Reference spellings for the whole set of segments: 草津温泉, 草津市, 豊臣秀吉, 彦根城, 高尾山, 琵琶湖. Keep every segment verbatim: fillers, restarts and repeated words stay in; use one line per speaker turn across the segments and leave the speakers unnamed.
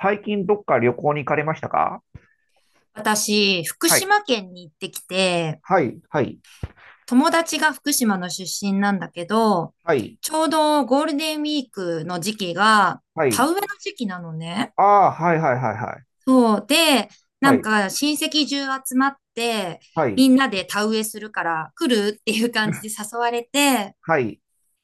最近どっか旅行に行かれましたか？
私、福
はい。
島県に行ってきて、
はい。はい。
友達が福島の出身なんだけど、
はい。
ちょうどゴールデンウィークの時期が
は
田
い。
植えの時期なのね。
ああ、はいはいはいは
そう。で、
い。
な
は
ん
い。
か親戚中集まって、
は
み
い。
んなで田植えするから来るっていう感じで 誘われて、
はい。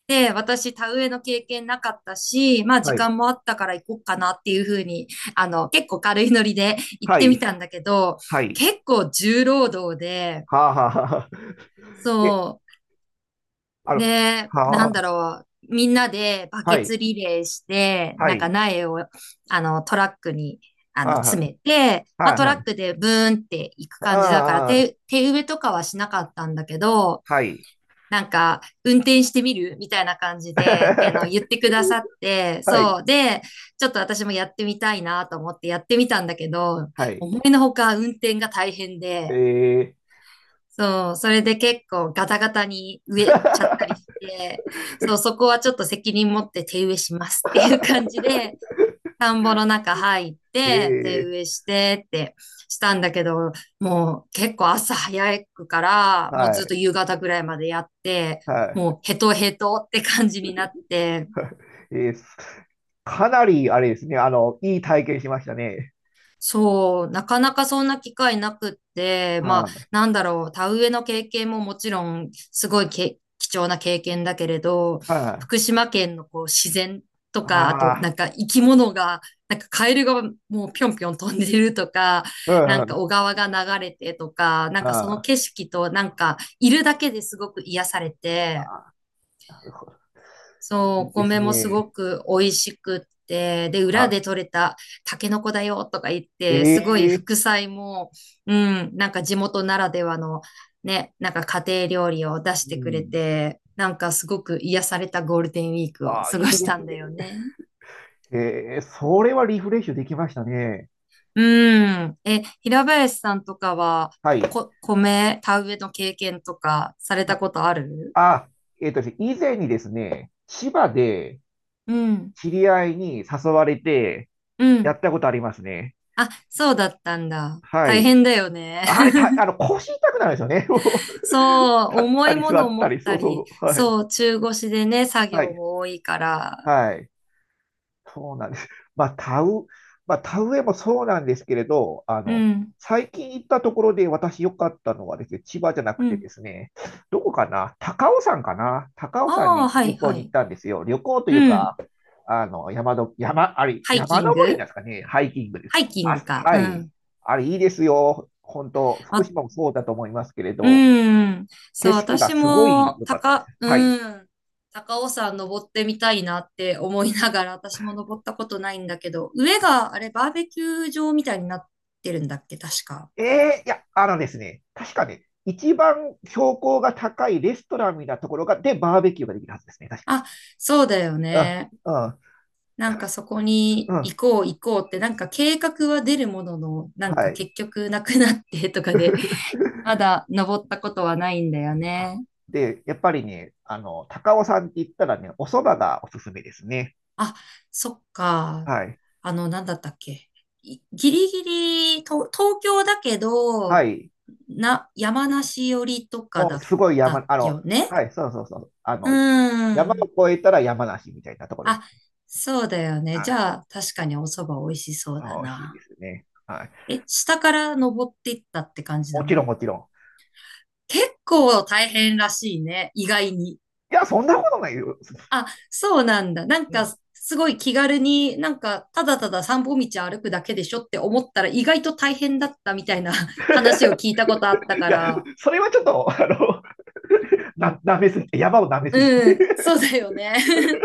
で、私田植えの経験なかったし、まあ
は
時
い。
間もあったから行こうかなっていうふうに、あの、結構軽いノリで行っ
は
てみ
い。
たんだけど、
はい。
結構重労働で、
はあ、はあ、はあ。え、
そ
あ
う。
の、
で、な
はあ、
んだろう。みんなでバ
は
ケ
い。
ツリレーして、
は
なんか
い。
苗を、あの、トラックに、あの、
はあ、は
詰めて、
あ、
まあ、
はあ、
トラッ
は
クでブーンって行く感じだから、
あ、ああ
手、手植えとかはしなかったんだけど、
はい。
なんか、運転してみるみたいな感じ で、あの、言ってくださって、
はい。
そう。で、ちょっと私もやってみたいなと思ってやってみたんだけど、
はい。
思いのほか運転が大変で、
ええ
そう、それで結構ガタガタに植えちゃったりし
ー、
て、そう、そこはちょっと責任持って手植えしますっていう感じで、田んぼの中入っ
え
て、手
え
植
ー、
えしてってしたんだけど、もう結構朝早くから、もう
は
ずっ
い。
と夕方ぐらいまでやって、
は
もうヘトヘトって感じになって、
い。えー、かなり、あれですね、あの、いい体験しましたね。
そう、なかなかそんな機会なくって、
う
ま
ん、う
あ、
ん。
なんだろう、田植えの経験ももちろん、すごいけ貴重な経験だけれど、
あ
福島県のこう自然とか、あと
あ、
なんか生き物が、なんかカエルがもうぴょんぴょん飛んでるとか、
う
な
ん、う
んか
ん。
小川が流れてとか、なんかその
あ
景色となんかいるだけですごく癒されて、
あ、
そう、
い
お
いです
米もすご
ね。
く美味しくって、で、裏で
は
採れたタケノコだよとか言って、すごい
ええ
副菜も、うん、なんか地元ならではの、ね、なんか家庭料理を出し
う
てくれ
ん。
て、なんかすごく癒されたゴールデンウィークを
ああ、
過
い
ご
いで
した
す
んだよ
ね。
ね。
ええ、それはリフレッシュできましたね。
うん。え、平林さんとかは、
はい。
こ、米、田植えの経験とかされたこ
あ、
とある？
あ、えっと、以前にですね、千葉で
うん。
知り合いに誘われて
う
や
ん。
ったことありますね。
あ、そうだったんだ。
は
大
い。
変だよね。
あれ、た、あの、腰痛くなるんですよね。
そう、
立っ
重
た
い
り
も
座
のを
った
持っ
り、そ
た
うそう
り、
そう。はい。
そう、中腰でね、作
は
業
い。
も多いから。
はい。そうなんです。まあ、田植、まあ、田植えもそうなんですけれど、あ
う
の、
ん、
最近行ったところで私良かったのはですね、千葉じゃな
う
くてで
ん。
すね、どこかな、高尾山かな、高尾山
ああ、
に
は
旅
い、
行
は
に行っ
い。
たんですよ。旅行という
う
か、
ん。
あの、山の、山、あれ、
ハイ
山
キン
登りなん
グ
ですかね、ハイキングです。
ハイキン
あ、
グか。
は
う
い。
ん。
あれ、いいですよ。本当、福
あ、
島もそうだと思いますけれ
う
ど、
ん。そ
景
う、
色が
私
すごい
も、
良かったです。
高、
は
う
い。
ん。高尾山登ってみたいなって思いながら、私も登ったことないんだけど、上が、あれ、バーベキュー場みたいになってるんだっけ、確か。
ええ、いや、あのですね、確かね、一番標高が高いレストランみたいなところが、で、バーベキューができるはずですね、確か。
あ、そうだよ
うん、
ね。
うん、
なん
確
か
か、
そこに
うん、
行こう行こうって、なんか計画は出るものの、なん
は
か
い。
結局なくなってとかで、ま だ登ったことはないんだよ
あ、
ね。
で、やっぱりね、あの、高尾山って言ったらね、お蕎麦がおすすめですね。
あ、そっか。
はい。
あの、なんだったっけ。いギリギリ、と東京だけ
は
ど、
い。
な、山梨寄りとか
も
だ
う
っ
すごい山、
た
あの、
よね。
はい、そうそうそう。あ
うー
の、山
ん。
を越えたら山梨みたいなところで
あ、
す。
そうだよね。
は
じ
い。
ゃあ、確かにお蕎麦美味しそうだ
あ、美味しい
な。
ですね。はい。
え、下から登っていったって感じな
もちろん、
の？
もちろん。
結構大変らしいね、意外に。
いや、そんなことないよ。
あ、そうなんだ。なん
うん。
か、すごい気軽に、なんか、ただただ散歩道歩くだけでしょって思ったら、意外と大変だったみたいな 話を聞いたことあった
い
か
や、
ら。
それはちょっと、あの、な、舐めすぎ、山を舐めすぎ。
うん、そうだよね。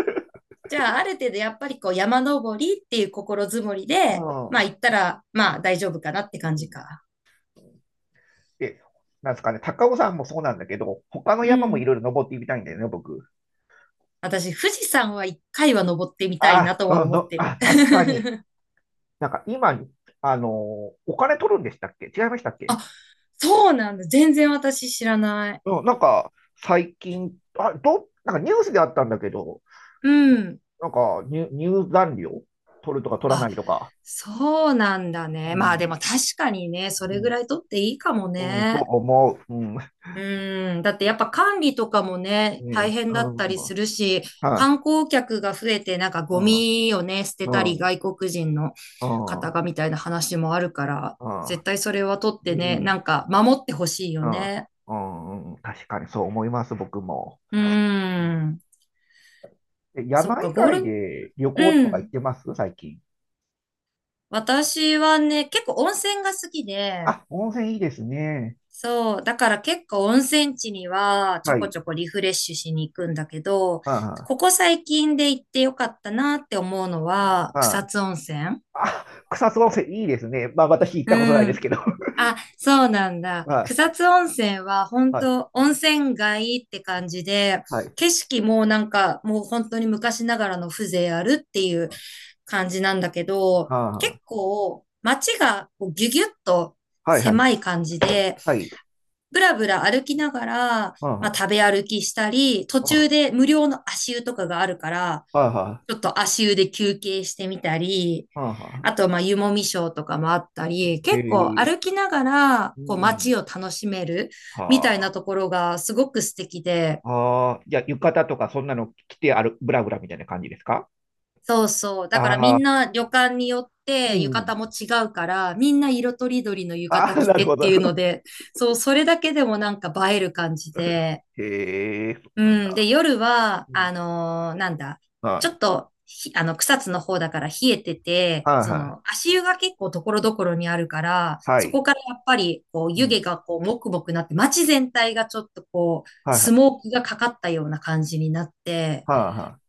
じゃあ、ある程度やっぱりこう、山登りっていう心づもり
う
で、まあ
ん、
行ったら、まあ大
う
丈夫かなって感じ
ん、
か。
で、なんですかね、高尾山もそうなんだけど、他の
う
山もい
ん。
ろいろ登ってみたいんだよね、僕。
私、富士山は一回は登ってみたい
あ、
なとは
うん、
思っ
の、
て
あ、
る。
確かに。なんか今、あのお金取るんでしたっけ？違いましたっけ？
あ、そうなんだ。全然私知らない。
うん、なんか、最近、あ、ど、なんかニュースであったんだけど、
うん。
なんか入、入山料取るとか取らな
あ、
いとか。
そうなんだ
う
ね。まあで
ん、
も確かにね、そ
う
れぐ
ん、
らい取っていいかも
うん、と
ね。
思う。うん、
うん。だってやっぱ管理とかもね、
う
大
ん、
変だった
うん、
りするし、
はい。
観光客が増えてなんか
う
ゴミをね、捨てた
ん、
り
うん、
外国人の
うん、うん、
方
う
がみたいな話もあるから、
ん、
絶対それは取っ
う
てね、
ん、
なんか守ってほしいよね。
うん、うん、確かにそう思います、僕も。
う
うん、
ん。
え、
そっ
山
か、
以
ゴー
外
ル、
で旅行
う
とか行っ
ん。
てます？最近。
私はね、結構温泉が好きで、
あ、温泉いいですね。
そう。だから結構温泉地にはちょ
は
こ
い。
ちょこリフレッシュしに行くんだけど、
あ
ここ最近で行ってよかったなって思うのは
あ、あ
草津温泉。
あ、あ、草津温泉いいですね。まあ私行ったことない
う
です
ん。
けど。
あ、そうなんだ。
は
草
い、
津温泉は本
はい、
当温泉街って感じで、
はい。
景色もなんかもう本当に昔ながらの風情あるっていう感じなんだけど、結
は
構街がこうギュギュッと
あ、はい、はい、
狭い感じで、
はい。
ぶらぶら歩きながら、
はあ、
まあ、
は
食べ歩きしたり、途中で無料の足湯とかがあるから、
あ、はあ、は
ちょっと足湯で休憩してみたり、
あ。は
あ
あ、
と、まあ、湯もみショーとかもあったり、
へ
結構
え、
歩きながら、
う
こう、
ん。
街を楽しめるみたい
は
な
あ。
ところがすごく素敵で、
ああ、じゃあ、浴衣とかそんなの着てある、ブラブラみたいな感じですか？
そうそう。だからみ
ああ
ん
ー、
な旅館によっ
う
て浴
ん。
衣も違うから、みんな色とりどりの浴
あ
衣
あ、
着
なる
て
ほ
って
ど。
いうので、そう、それだけでもなんか映える感じで、
へえ、そ
う
うなん
ん。で、
だ。
夜は、
うん。
あのーなんだ、
は
ちょ
い。
っと、ひあの、草津の方だから冷えてて、
はい
そ
は
の、
い。
足湯が結構ところどころにあるから、
は
そ
い。
こからやっぱり、こう、
う
湯
ん。
気がこう、もくもくなって、街全体がちょっとこう、
は
ス
い。
モークがかかったような感じになって、
はいは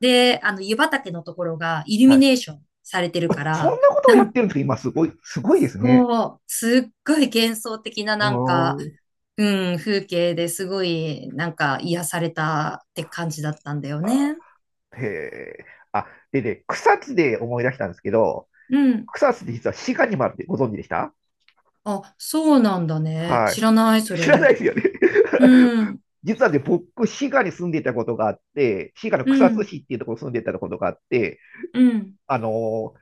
で、あの、湯畑のところがイル
い。は
ミネー
い。
ションされてるか
そん
ら、
なことを
な
やっ
んか
てるんですか？今、すごい、すごいですね。
こう、すっごい幻想的な
う
なん
ー
か、
ん。
うん、風景ですごい、なんか癒されたって感じだったんだよ
あ、
ね。
へえ。あ、でね、草津で思い出したんですけど、
うん。
草津って実は滋賀にもあるってご存知でした？
あ、そうなんだね。
は
知らない、そ
い。知らない
れ。
ですよね。
うん、
実はね、僕、滋賀に住んでいたことがあって、滋賀の
う
草津
ん、
市っていうところに住んでいたことがあって、
うん、
あのー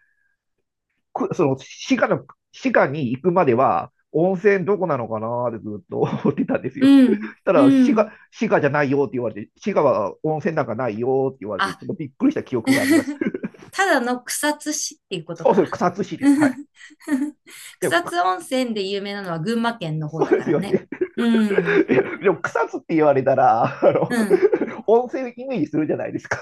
くその滋賀の、滋賀に行くまでは、温泉どこなのかなってずっと 思ってたんですよ。
う
そし
ん、
たら、
う
滋賀、
ん。
滋賀じゃないよって言われて、滋賀は温泉なんかないよって言われて、
あ、
ちょっとびっくりした記憶があります。
ただの草津市っていうこと
そうそ
か。
う、草津市です。はい。でも、
草津温泉で有名なのは群馬県の方
そう
だ
で
か
す
ら
よ
ね。
ね。
うん、
で、でも、草津って言われたら、あの、
うん、
温泉イメージするじゃないですか。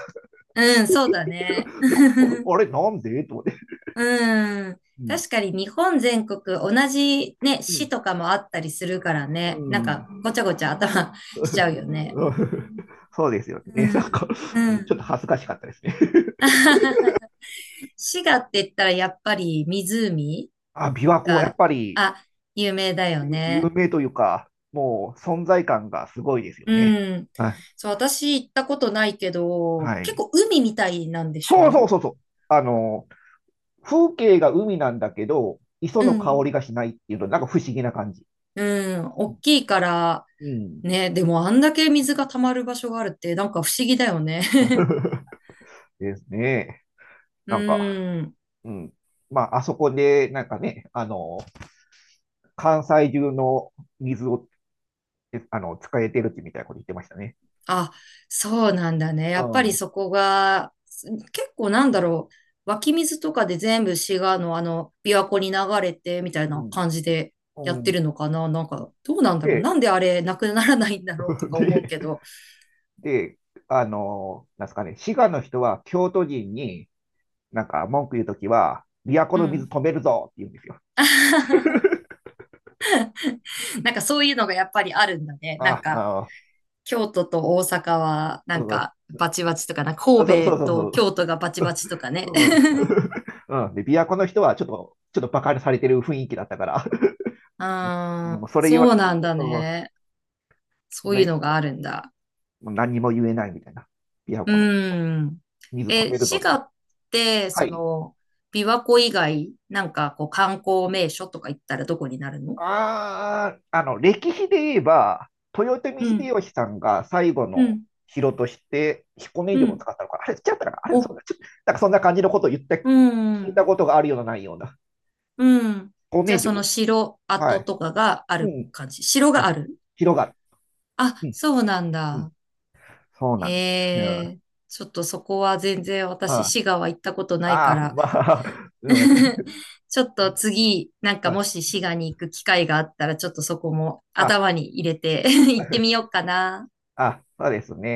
うん、そうだね。
あれ、なんでと思って。
うん。
うん。
確かに日本全国同じね、
う
市
ん。
とかもあったりするから
う
ね。なん
ん。
かごちゃごちゃ頭 しちゃう よね。
うん、そうですよ
う
ね。なん
ん、
か、
う
ちょっと
ん。
恥ずかしかったですね。
滋賀って言ったらやっぱり湖
あ、琵琶湖、やっ
が、
ぱり
あ、有名だよ
有有
ね。
名というか、もう存在感がすごいですよね。
うん。
はい。
そう、私行ったことないけど、
は
結
い。
構海みたいなんでし
そうそう
ょ？
そうそう。あの、風景が海なんだけど、磯
う
の香
ん。
りがしないっていうの、なんか不思議な感じ。
うん。大きいから、
うん。
ね、でもあんだけ水が溜まる場所があるって、なんか不思議だよね。
ですね。
う
なんか、
ん。
うん。まあ、あそこで、なんかね、あの、関西中の水を、えあの、使えてるってみたいなこと言ってましたね。
あ、そうなんだね。
う
やっぱり
ん。
そこが、す結構なんだろう。湧き水とかで全部滋賀のあの、琵琶湖に流れてみたい
う
な
ん。
感じでやっ
う
て
ん
るのかな。なんか、どうなんだろう。
で、
なんであれなくならないんだろうと か思う
で、
けど。
で、あの、なんですかね、滋賀の人は京都人になんか文句言うときは、都
う
の水
ん。
止めるぞって言うんですよ。
なんかそういうのがやっぱりあるんだね。なん
あ、あ
か、
の、
京都と大阪は、な
そ
ん
う
か、バチバチとかな、
そうそうそ
神
う
戸
そ
と
う。
京都がバチバチとかね。
うん。うん。で、琵琶湖の人はちょっと、ちょっとバカにされてる雰囲気だったから、
うー
うん、
ん、
それ言わ、う
そう
ん、
なんだ
そ
ね。そう
れ、
いうのがあるんだ。
もう何にも言えないみたいな。琵琶
う
湖の
ん。
水止
え、
めるぞ、
滋
みたい
賀
な。
って、
は
そ
い。
の、琵琶湖以外、なんかこう観光名所とか行ったらどこになるの？
ああ、あの、歴史で言えば、豊臣
うん、
秀吉さんが最後
う
の
ん、
城として彦根
う
城を
ん。
使ったのか、あれ、違ったかな、あれ、そ
お、
うだ、ちょっとなんかそんな感じのことを言った、聞
う
いた
ん、
ことがあるような、ないような。
うん。
彦
じゃ
根
あその
城。
城
は
跡
い。
とかがあ
う
る
ん。
感じ。城があ
あ、
る？
広がる。う
あ、
ん。
そうなん
うん。
だ。
そうな
へ
んです。うん。あ
え。ちょっとそこは全然私、
あ、
滋賀は行ったことないか
ああ、
ら、
まあ、う ん、
ちょっと次、なんか
あ、
もし滋賀に行く機会があったら、ちょっとそこも
あ、
頭に入れて 行ってみようかな。
あ、そうですね。